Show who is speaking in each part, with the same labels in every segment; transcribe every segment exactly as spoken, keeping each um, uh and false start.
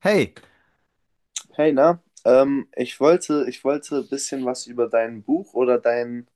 Speaker 1: Hey,
Speaker 2: Hey, na, ähm, ich wollte, ich wollte ein bisschen was über dein Buch oder dein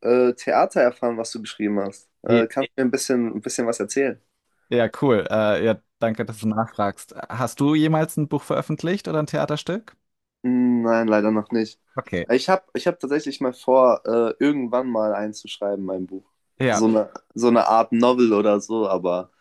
Speaker 2: äh, Theater erfahren, was du geschrieben hast.
Speaker 1: Je-
Speaker 2: Äh, kannst du mir ein bisschen, ein bisschen was erzählen?
Speaker 1: ja, cool. Äh, ja, danke, dass du nachfragst. Hast du jemals ein Buch veröffentlicht oder ein Theaterstück?
Speaker 2: Hm, nein, leider noch nicht.
Speaker 1: Okay,
Speaker 2: Ich habe, ich hab tatsächlich mal vor, äh, irgendwann mal einzuschreiben, mein Buch.
Speaker 1: ja,
Speaker 2: So eine, so eine Art Novel oder so, aber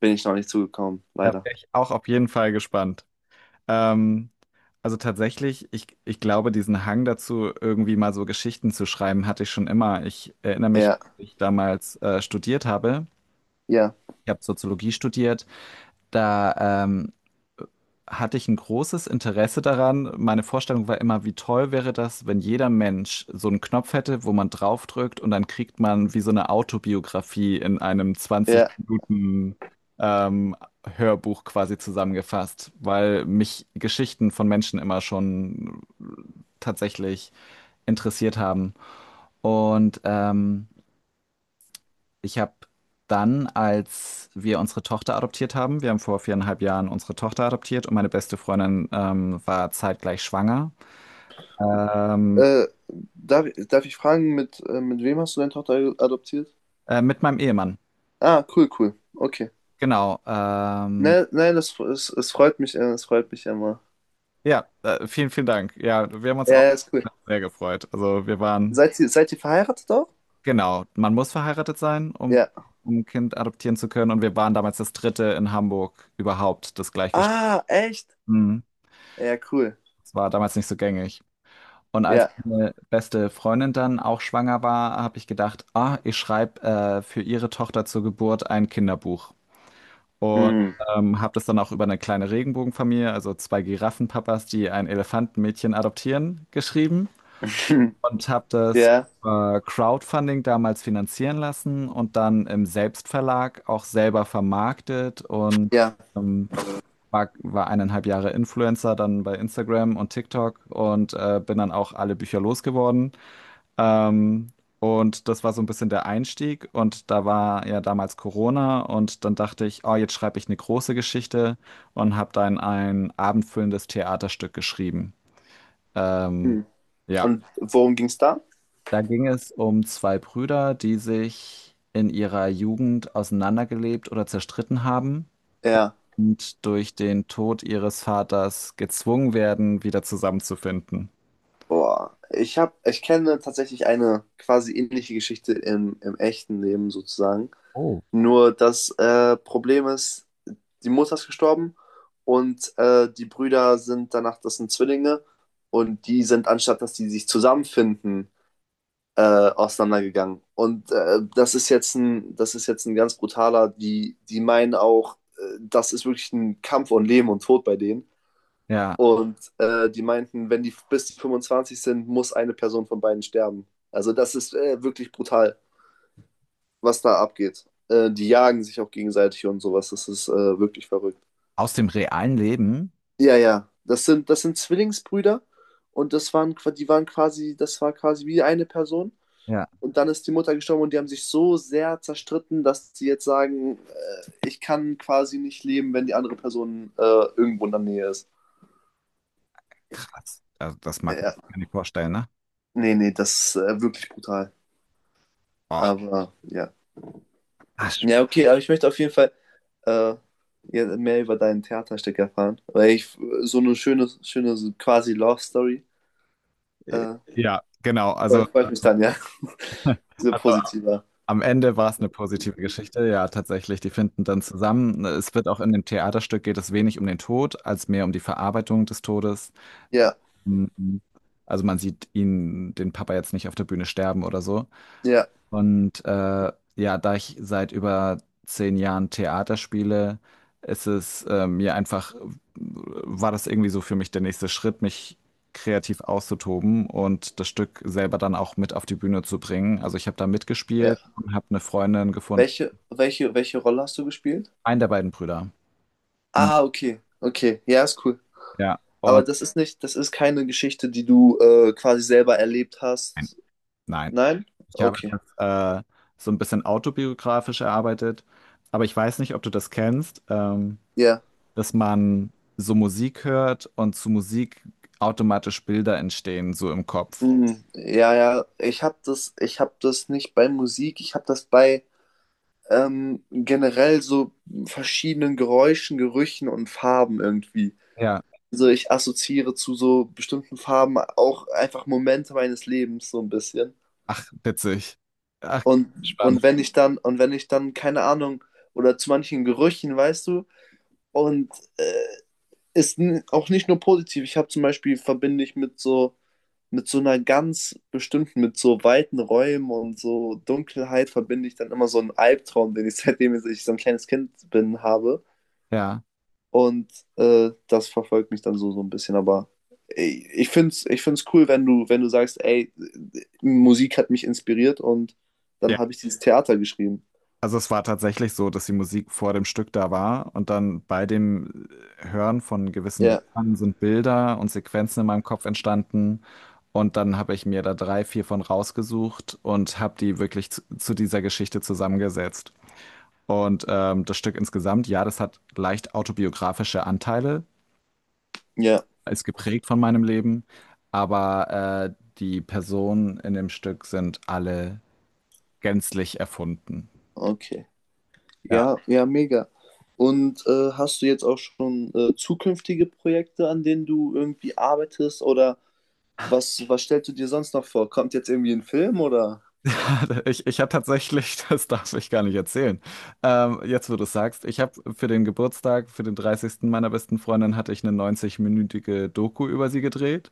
Speaker 2: bin ich noch nicht zugekommen,
Speaker 1: da
Speaker 2: leider.
Speaker 1: wäre ich auch auf jeden Fall gespannt. Ähm, also tatsächlich, ich, ich glaube, diesen Hang dazu, irgendwie mal so Geschichten zu schreiben, hatte ich schon immer. Ich erinnere mich, als
Speaker 2: Ja,
Speaker 1: ich damals äh, studiert habe.
Speaker 2: ja,
Speaker 1: Ich habe Soziologie studiert. Da ähm, hatte ich ein großes Interesse daran. Meine Vorstellung war immer, wie toll wäre das, wenn jeder Mensch so einen Knopf hätte, wo man draufdrückt und dann kriegt man wie so eine Autobiografie in einem zwanzig
Speaker 2: ja.
Speaker 1: Minuten ähm, Hörbuch quasi zusammengefasst, weil mich Geschichten von Menschen immer schon tatsächlich interessiert haben. Und ähm, ich habe dann, als wir unsere Tochter adoptiert haben, wir haben vor viereinhalb Jahren unsere Tochter adoptiert und meine beste Freundin ähm, war zeitgleich schwanger. ähm,
Speaker 2: Äh, darf, darf ich fragen, mit, äh, mit wem hast du deine Tochter adoptiert?
Speaker 1: äh, mit meinem Ehemann.
Speaker 2: Ah, cool, cool. Okay.
Speaker 1: Genau. Ähm,
Speaker 2: Nein, nein, das, es, es freut mich, äh, es freut mich immer.
Speaker 1: ja, äh, vielen, vielen Dank. Ja, wir haben uns
Speaker 2: Ja,
Speaker 1: auch
Speaker 2: ja, ist cool.
Speaker 1: sehr gefreut. Also wir waren,
Speaker 2: Seid ihr, seid ihr verheiratet auch?
Speaker 1: genau, man muss verheiratet sein, um,
Speaker 2: Ja.
Speaker 1: um ein Kind adoptieren zu können. Und wir waren damals das dritte in Hamburg überhaupt, das gleichgeschlechtliche.
Speaker 2: Ah, echt?
Speaker 1: Mhm.
Speaker 2: Ja, cool.
Speaker 1: Das war damals nicht so gängig. Und als
Speaker 2: Ja.
Speaker 1: meine beste Freundin dann auch schwanger war, habe ich gedacht, ah, ich schreibe äh, für ihre Tochter zur Geburt ein Kinderbuch. Und
Speaker 2: Hm.
Speaker 1: ähm, habe das dann auch über eine kleine Regenbogenfamilie, also zwei Giraffenpapas, die ein Elefantenmädchen adoptieren, geschrieben. Und habe das
Speaker 2: Ja.
Speaker 1: über Crowdfunding damals finanzieren lassen und dann im Selbstverlag auch selber vermarktet und
Speaker 2: Ja.
Speaker 1: ähm, war, war eineinhalb Jahre Influencer dann bei Instagram und TikTok und äh, bin dann auch alle Bücher losgeworden. Ähm, und das war so ein bisschen der Einstieg. Und da war ja damals Corona. Und dann dachte ich, oh, jetzt schreibe ich eine große Geschichte und habe dann ein abendfüllendes Theaterstück geschrieben. Ähm,
Speaker 2: Hm.
Speaker 1: ja,
Speaker 2: Und worum ging's da?
Speaker 1: da ging es um zwei Brüder, die sich in ihrer Jugend auseinandergelebt oder zerstritten haben
Speaker 2: Ja.
Speaker 1: und durch den Tod ihres Vaters gezwungen werden, wieder zusammenzufinden.
Speaker 2: Boah. Ich hab, ich kenne tatsächlich eine quasi ähnliche Geschichte im, im echten Leben sozusagen.
Speaker 1: Oh.
Speaker 2: Nur das äh, Problem ist, die Mutter ist gestorben und äh, die Brüder sind danach, das sind Zwillinge, und die sind, anstatt dass die sich zusammenfinden, äh, auseinandergegangen. Und äh, das ist jetzt ein, das ist jetzt ein ganz brutaler, die, die meinen auch, äh, das ist wirklich ein Kampf um Leben und Tod bei denen.
Speaker 1: Ja,
Speaker 2: Und äh, die meinten, wenn die bis die fünfundzwanzig sind, muss eine Person von beiden sterben. Also das ist äh, wirklich brutal, was da abgeht. Äh, die jagen sich auch gegenseitig und sowas. Das ist äh, wirklich verrückt.
Speaker 1: aus dem realen Leben.
Speaker 2: Ja, ja. Das sind, das sind Zwillingsbrüder, und das waren, qua- die waren quasi, das war quasi wie eine Person.
Speaker 1: Ja.
Speaker 2: Und dann ist die Mutter gestorben, und die haben sich so sehr zerstritten, dass sie jetzt sagen, äh, ich kann quasi nicht leben, wenn die andere Person äh, irgendwo in der Nähe ist.
Speaker 1: Krass. Also das mag
Speaker 2: Äh,
Speaker 1: man
Speaker 2: ja,
Speaker 1: sich gar nicht vorstellen, ne?
Speaker 2: nee, nee, das ist äh, wirklich brutal.
Speaker 1: Oh,
Speaker 2: Aber ja.
Speaker 1: Asch.
Speaker 2: Ja, okay, aber ich möchte auf jeden Fall äh, ja, mehr über deinen Theaterstück erfahren. Weil ich so eine schöne, schöne so quasi Love Story.
Speaker 1: Äh,
Speaker 2: Äh,
Speaker 1: Ja, genau. Also,
Speaker 2: freut, freut mich dann, ja. Diese
Speaker 1: also
Speaker 2: positiver.
Speaker 1: am Ende war es eine positive Geschichte. Ja, tatsächlich. Die finden dann zusammen. Es wird auch in dem Theaterstück geht es wenig um den Tod, als mehr um die Verarbeitung des Todes.
Speaker 2: Ja,
Speaker 1: Mhm. Also man sieht ihn, den Papa jetzt nicht auf der Bühne sterben oder so.
Speaker 2: ja,
Speaker 1: Und äh, ja, da ich seit über zehn Jahren Theater spiele, ist es äh, mir einfach, äh, war das irgendwie so für mich der nächste Schritt, mich kreativ auszutoben und das Stück selber dann auch mit auf die Bühne zu bringen. Also ich habe da mitgespielt
Speaker 2: ja.
Speaker 1: und habe eine Freundin gefunden,
Speaker 2: Welche, welche, welche Rolle hast du gespielt?
Speaker 1: einen der beiden Brüder. Hm,
Speaker 2: Ah, okay. Okay. Ja, ist cool.
Speaker 1: ja, und
Speaker 2: Aber das ist nicht, das ist keine Geschichte, die du äh, quasi selber erlebt
Speaker 1: nein,
Speaker 2: hast.
Speaker 1: nein.
Speaker 2: Nein?
Speaker 1: Ich habe
Speaker 2: Okay.
Speaker 1: das äh, so ein bisschen autobiografisch erarbeitet, aber ich weiß nicht, ob du das kennst. Ähm,
Speaker 2: Ja.
Speaker 1: dass man so Musik hört und zu Musik automatisch Bilder entstehen, so im Kopf.
Speaker 2: Mhm. Ja, ja. Ich habe das, ich habe das nicht bei Musik, ich habe das bei ähm, generell so verschiedenen Geräuschen, Gerüchen und Farben irgendwie.
Speaker 1: Ja.
Speaker 2: Also ich assoziiere zu so bestimmten Farben auch einfach Momente meines Lebens so ein bisschen.
Speaker 1: Ach, witzig. Ach,
Speaker 2: Und,
Speaker 1: spannend.
Speaker 2: und wenn ich dann, und wenn ich dann, keine Ahnung, oder zu manchen Gerüchen, weißt du, und äh, ist n- auch nicht nur positiv. Ich habe zum Beispiel, verbinde ich mit so, mit so einer ganz bestimmten, mit so weiten Räumen und so Dunkelheit verbinde ich dann immer so einen Albtraum, den ich seitdem ich so ein kleines Kind bin, habe.
Speaker 1: Ja.
Speaker 2: Und äh, das verfolgt mich dann so, so ein bisschen. Aber ey, ich finde es ich find's cool, wenn du, wenn du sagst, ey, Musik hat mich inspiriert, und
Speaker 1: Ja.
Speaker 2: dann habe ich dieses Theater geschrieben.
Speaker 1: Also es war tatsächlich so, dass die Musik vor dem Stück da war und dann bei dem Hören von gewissen
Speaker 2: Ja,
Speaker 1: Liedern sind Bilder und Sequenzen in meinem Kopf entstanden. Und dann habe ich mir da drei, vier von rausgesucht und habe die wirklich zu, zu dieser Geschichte zusammengesetzt. Und ähm, das Stück insgesamt, ja, das hat leicht autobiografische Anteile,
Speaker 2: ja,
Speaker 1: ist geprägt von meinem Leben, aber äh, die Personen in dem Stück sind alle gänzlich erfunden.
Speaker 2: okay. Ja, ja, mega. Und äh, hast du jetzt auch schon äh, zukünftige Projekte, an denen du irgendwie arbeitest? Oder was, was stellst du dir sonst noch vor? Kommt jetzt irgendwie ein Film oder?
Speaker 1: Ich, ich habe tatsächlich, das darf ich gar nicht erzählen. Ähm, jetzt, wo du es sagst, ich habe für den Geburtstag, für den dreißigsten meiner besten Freundin, hatte ich eine neunzig-minütige Doku über sie gedreht.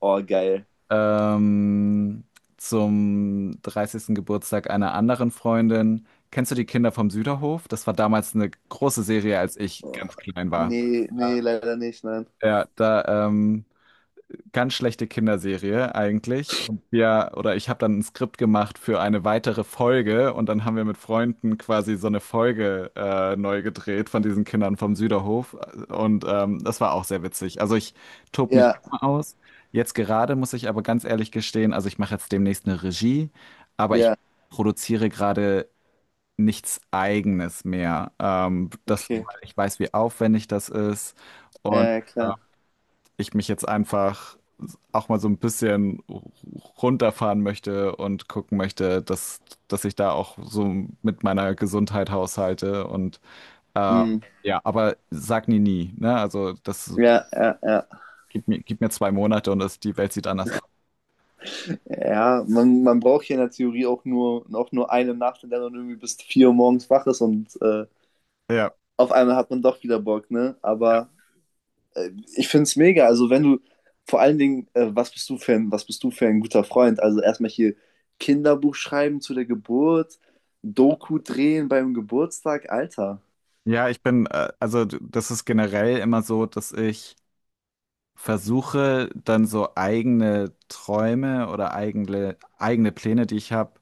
Speaker 2: Oh, geil.
Speaker 1: Ähm, Zum dreißigsten Geburtstag einer anderen Freundin. Kennst du die Kinder vom Süderhof? Das war damals eine große Serie, als ich
Speaker 2: Oh,
Speaker 1: ganz klein war.
Speaker 2: nee, nee, leider nicht, nein.
Speaker 1: Ja, da, ähm, ganz schlechte Kinderserie eigentlich. Und wir, oder ich habe dann ein Skript gemacht für eine weitere Folge und dann haben wir mit Freunden quasi so eine Folge äh, neu gedreht von diesen Kindern vom Süderhof. Und ähm, das war auch sehr witzig. Also ich tob mich
Speaker 2: Ja,
Speaker 1: immer aus. Jetzt gerade muss ich aber ganz ehrlich gestehen, also ich mache jetzt demnächst eine Regie, aber ich
Speaker 2: ja,
Speaker 1: produziere gerade nichts Eigenes mehr. Ähm, das,
Speaker 2: okay.
Speaker 1: weil ich weiß, wie aufwendig das ist
Speaker 2: Ja,
Speaker 1: und
Speaker 2: ja,
Speaker 1: äh,
Speaker 2: klar.
Speaker 1: ich mich jetzt einfach auch mal so ein bisschen runterfahren möchte und gucken möchte, dass, dass ich da auch so mit meiner Gesundheit haushalte. Und äh,
Speaker 2: Hm.
Speaker 1: ja, aber sag nie nie, ne? Also das
Speaker 2: Ja, ja, ja.
Speaker 1: gib mir, gib mir zwei Monate und das, die Welt sieht anders aus.
Speaker 2: Ja, man, man braucht hier in der Theorie auch nur, auch nur eine Nacht, in der man irgendwie bis vier Uhr morgens wach ist und äh,
Speaker 1: Ja.
Speaker 2: auf einmal hat man doch wieder Bock, ne? Aber. Ich finde es mega. Also wenn du, vor allen Dingen, äh, was bist du für ein, was bist du für ein guter Freund? Also erstmal hier Kinderbuch schreiben zu der Geburt, Doku drehen beim Geburtstag, Alter.
Speaker 1: Ja, ich bin, äh, also d- das ist generell immer so, dass ich versuche, dann so eigene Träume oder eigene, eigene Pläne, die ich habe,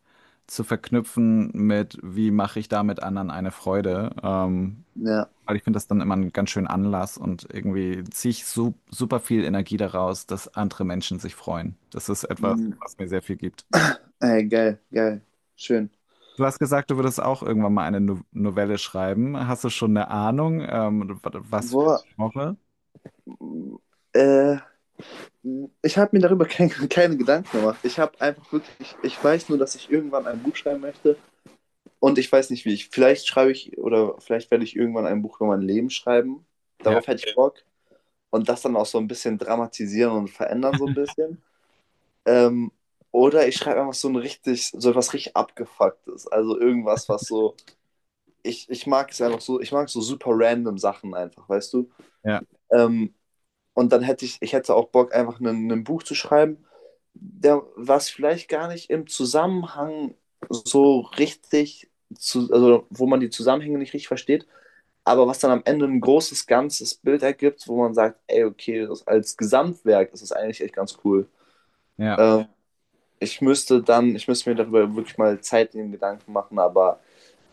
Speaker 1: zu verknüpfen mit, wie mache ich damit anderen eine Freude. Ähm,
Speaker 2: Ja.
Speaker 1: Weil ich finde das dann immer einen ganz schönen Anlass und irgendwie ziehe ich su super viel Energie daraus, dass andere Menschen sich freuen. Das ist etwas,
Speaker 2: Mhm.
Speaker 1: was mir sehr viel gibt.
Speaker 2: Ey, geil, geil. Schön.
Speaker 1: Du hast gesagt, du würdest auch irgendwann mal eine no Novelle schreiben. Hast du schon eine Ahnung, ähm, wa- was für ein
Speaker 2: Boah,
Speaker 1: Genre?
Speaker 2: äh, ich habe mir darüber kein, keine Gedanken gemacht. Ich habe einfach wirklich, ich weiß nur, dass ich irgendwann ein Buch schreiben möchte, und ich weiß nicht wie. Ich, vielleicht schreibe ich, oder vielleicht werde ich irgendwann ein Buch über mein Leben schreiben.
Speaker 1: Ja,
Speaker 2: Darauf hätte ich Bock. Und das dann auch so ein bisschen dramatisieren und verändern so ein bisschen. Ähm, oder ich schreibe einfach so ein richtig, so etwas richtig abgefucktes. Also irgendwas, was so. Ich, ich mag es einfach so, ich mag so super random Sachen einfach, weißt du?
Speaker 1: ja,
Speaker 2: Ähm, und dann hätte ich, ich hätte auch Bock, einfach ein Buch zu schreiben, der, was vielleicht gar nicht im Zusammenhang so richtig, zu, also wo man die Zusammenhänge nicht richtig versteht, aber was dann am Ende ein großes, ganzes Bild ergibt, wo man sagt, ey, okay, das, als Gesamtwerk ist das eigentlich echt ganz cool.
Speaker 1: ja.
Speaker 2: Ähm, ich müsste dann, ich müsste mir darüber wirklich mal Zeit in den Gedanken machen, aber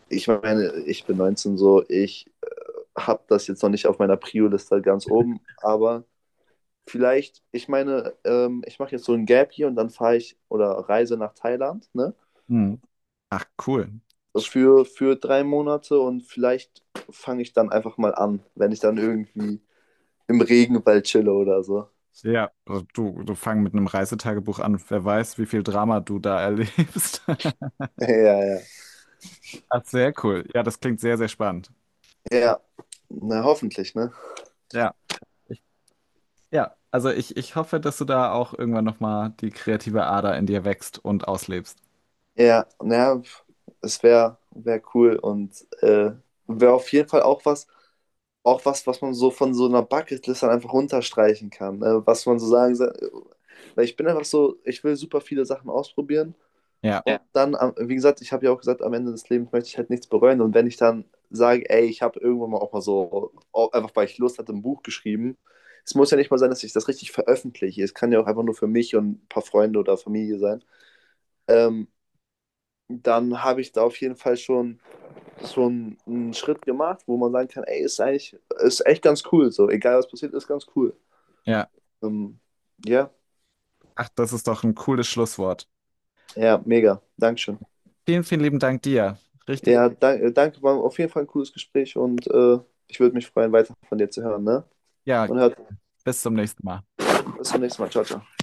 Speaker 2: ich meine, ich bin neunzehn so, ich habe das jetzt noch nicht auf meiner Prio-Liste ganz oben, aber vielleicht, ich meine, ähm, ich mache jetzt so ein Gap hier und dann fahre ich oder reise nach Thailand, ne?
Speaker 1: Hm. Ach, cool. Sp-
Speaker 2: Für, für drei Monate, und vielleicht fange ich dann einfach mal an, wenn ich dann irgendwie im Regenwald chille oder so.
Speaker 1: Ja, also du, du fang mit einem Reisetagebuch an. Wer weiß, wie viel Drama du da erlebst.
Speaker 2: Ja, ja.
Speaker 1: Ach, sehr cool. Ja, das klingt sehr, sehr spannend.
Speaker 2: Ja, na hoffentlich, ne?
Speaker 1: Ja. Ja, also ich, ich hoffe, dass du da auch irgendwann nochmal die kreative Ader in dir wächst und auslebst.
Speaker 2: Ja, naja, es wäre wär wär cool, und äh, wäre auf jeden Fall auch was, auch was, was man so von so einer Bucketlist dann einfach runterstreichen kann. Ne? Was man so sagen sa- weil ich bin einfach so, ich will super viele Sachen ausprobieren,
Speaker 1: Ja,
Speaker 2: und ja, dann, am- wie gesagt, ich habe ja auch gesagt, am Ende des Lebens möchte ich halt nichts bereuen, und wenn ich dann sage, ey, ich habe irgendwann mal auch mal so, auch einfach weil ich Lust hatte, ein Buch geschrieben. Es muss ja nicht mal sein, dass ich das richtig veröffentliche. Es kann ja auch einfach nur für mich und ein paar Freunde oder Familie sein. Ähm, dann habe ich da auf jeden Fall schon so einen, einen Schritt gemacht, wo man sagen kann, ey, ist eigentlich, ist echt ganz cool, so, egal was passiert, ist ganz cool.
Speaker 1: ja.
Speaker 2: Ähm, ja,
Speaker 1: Ach, das ist doch ein cooles Schlusswort.
Speaker 2: ja, mega, Dankeschön.
Speaker 1: Vielen, vielen lieben Dank dir. Richtig.
Speaker 2: Ja, danke, danke, war auf jeden Fall ein cooles Gespräch, und äh, ich würde mich freuen, weiter von dir zu hören, ne?
Speaker 1: Ja,
Speaker 2: Und hört,
Speaker 1: bis zum nächsten Mal.
Speaker 2: Bis zum nächsten Mal, ciao, ciao.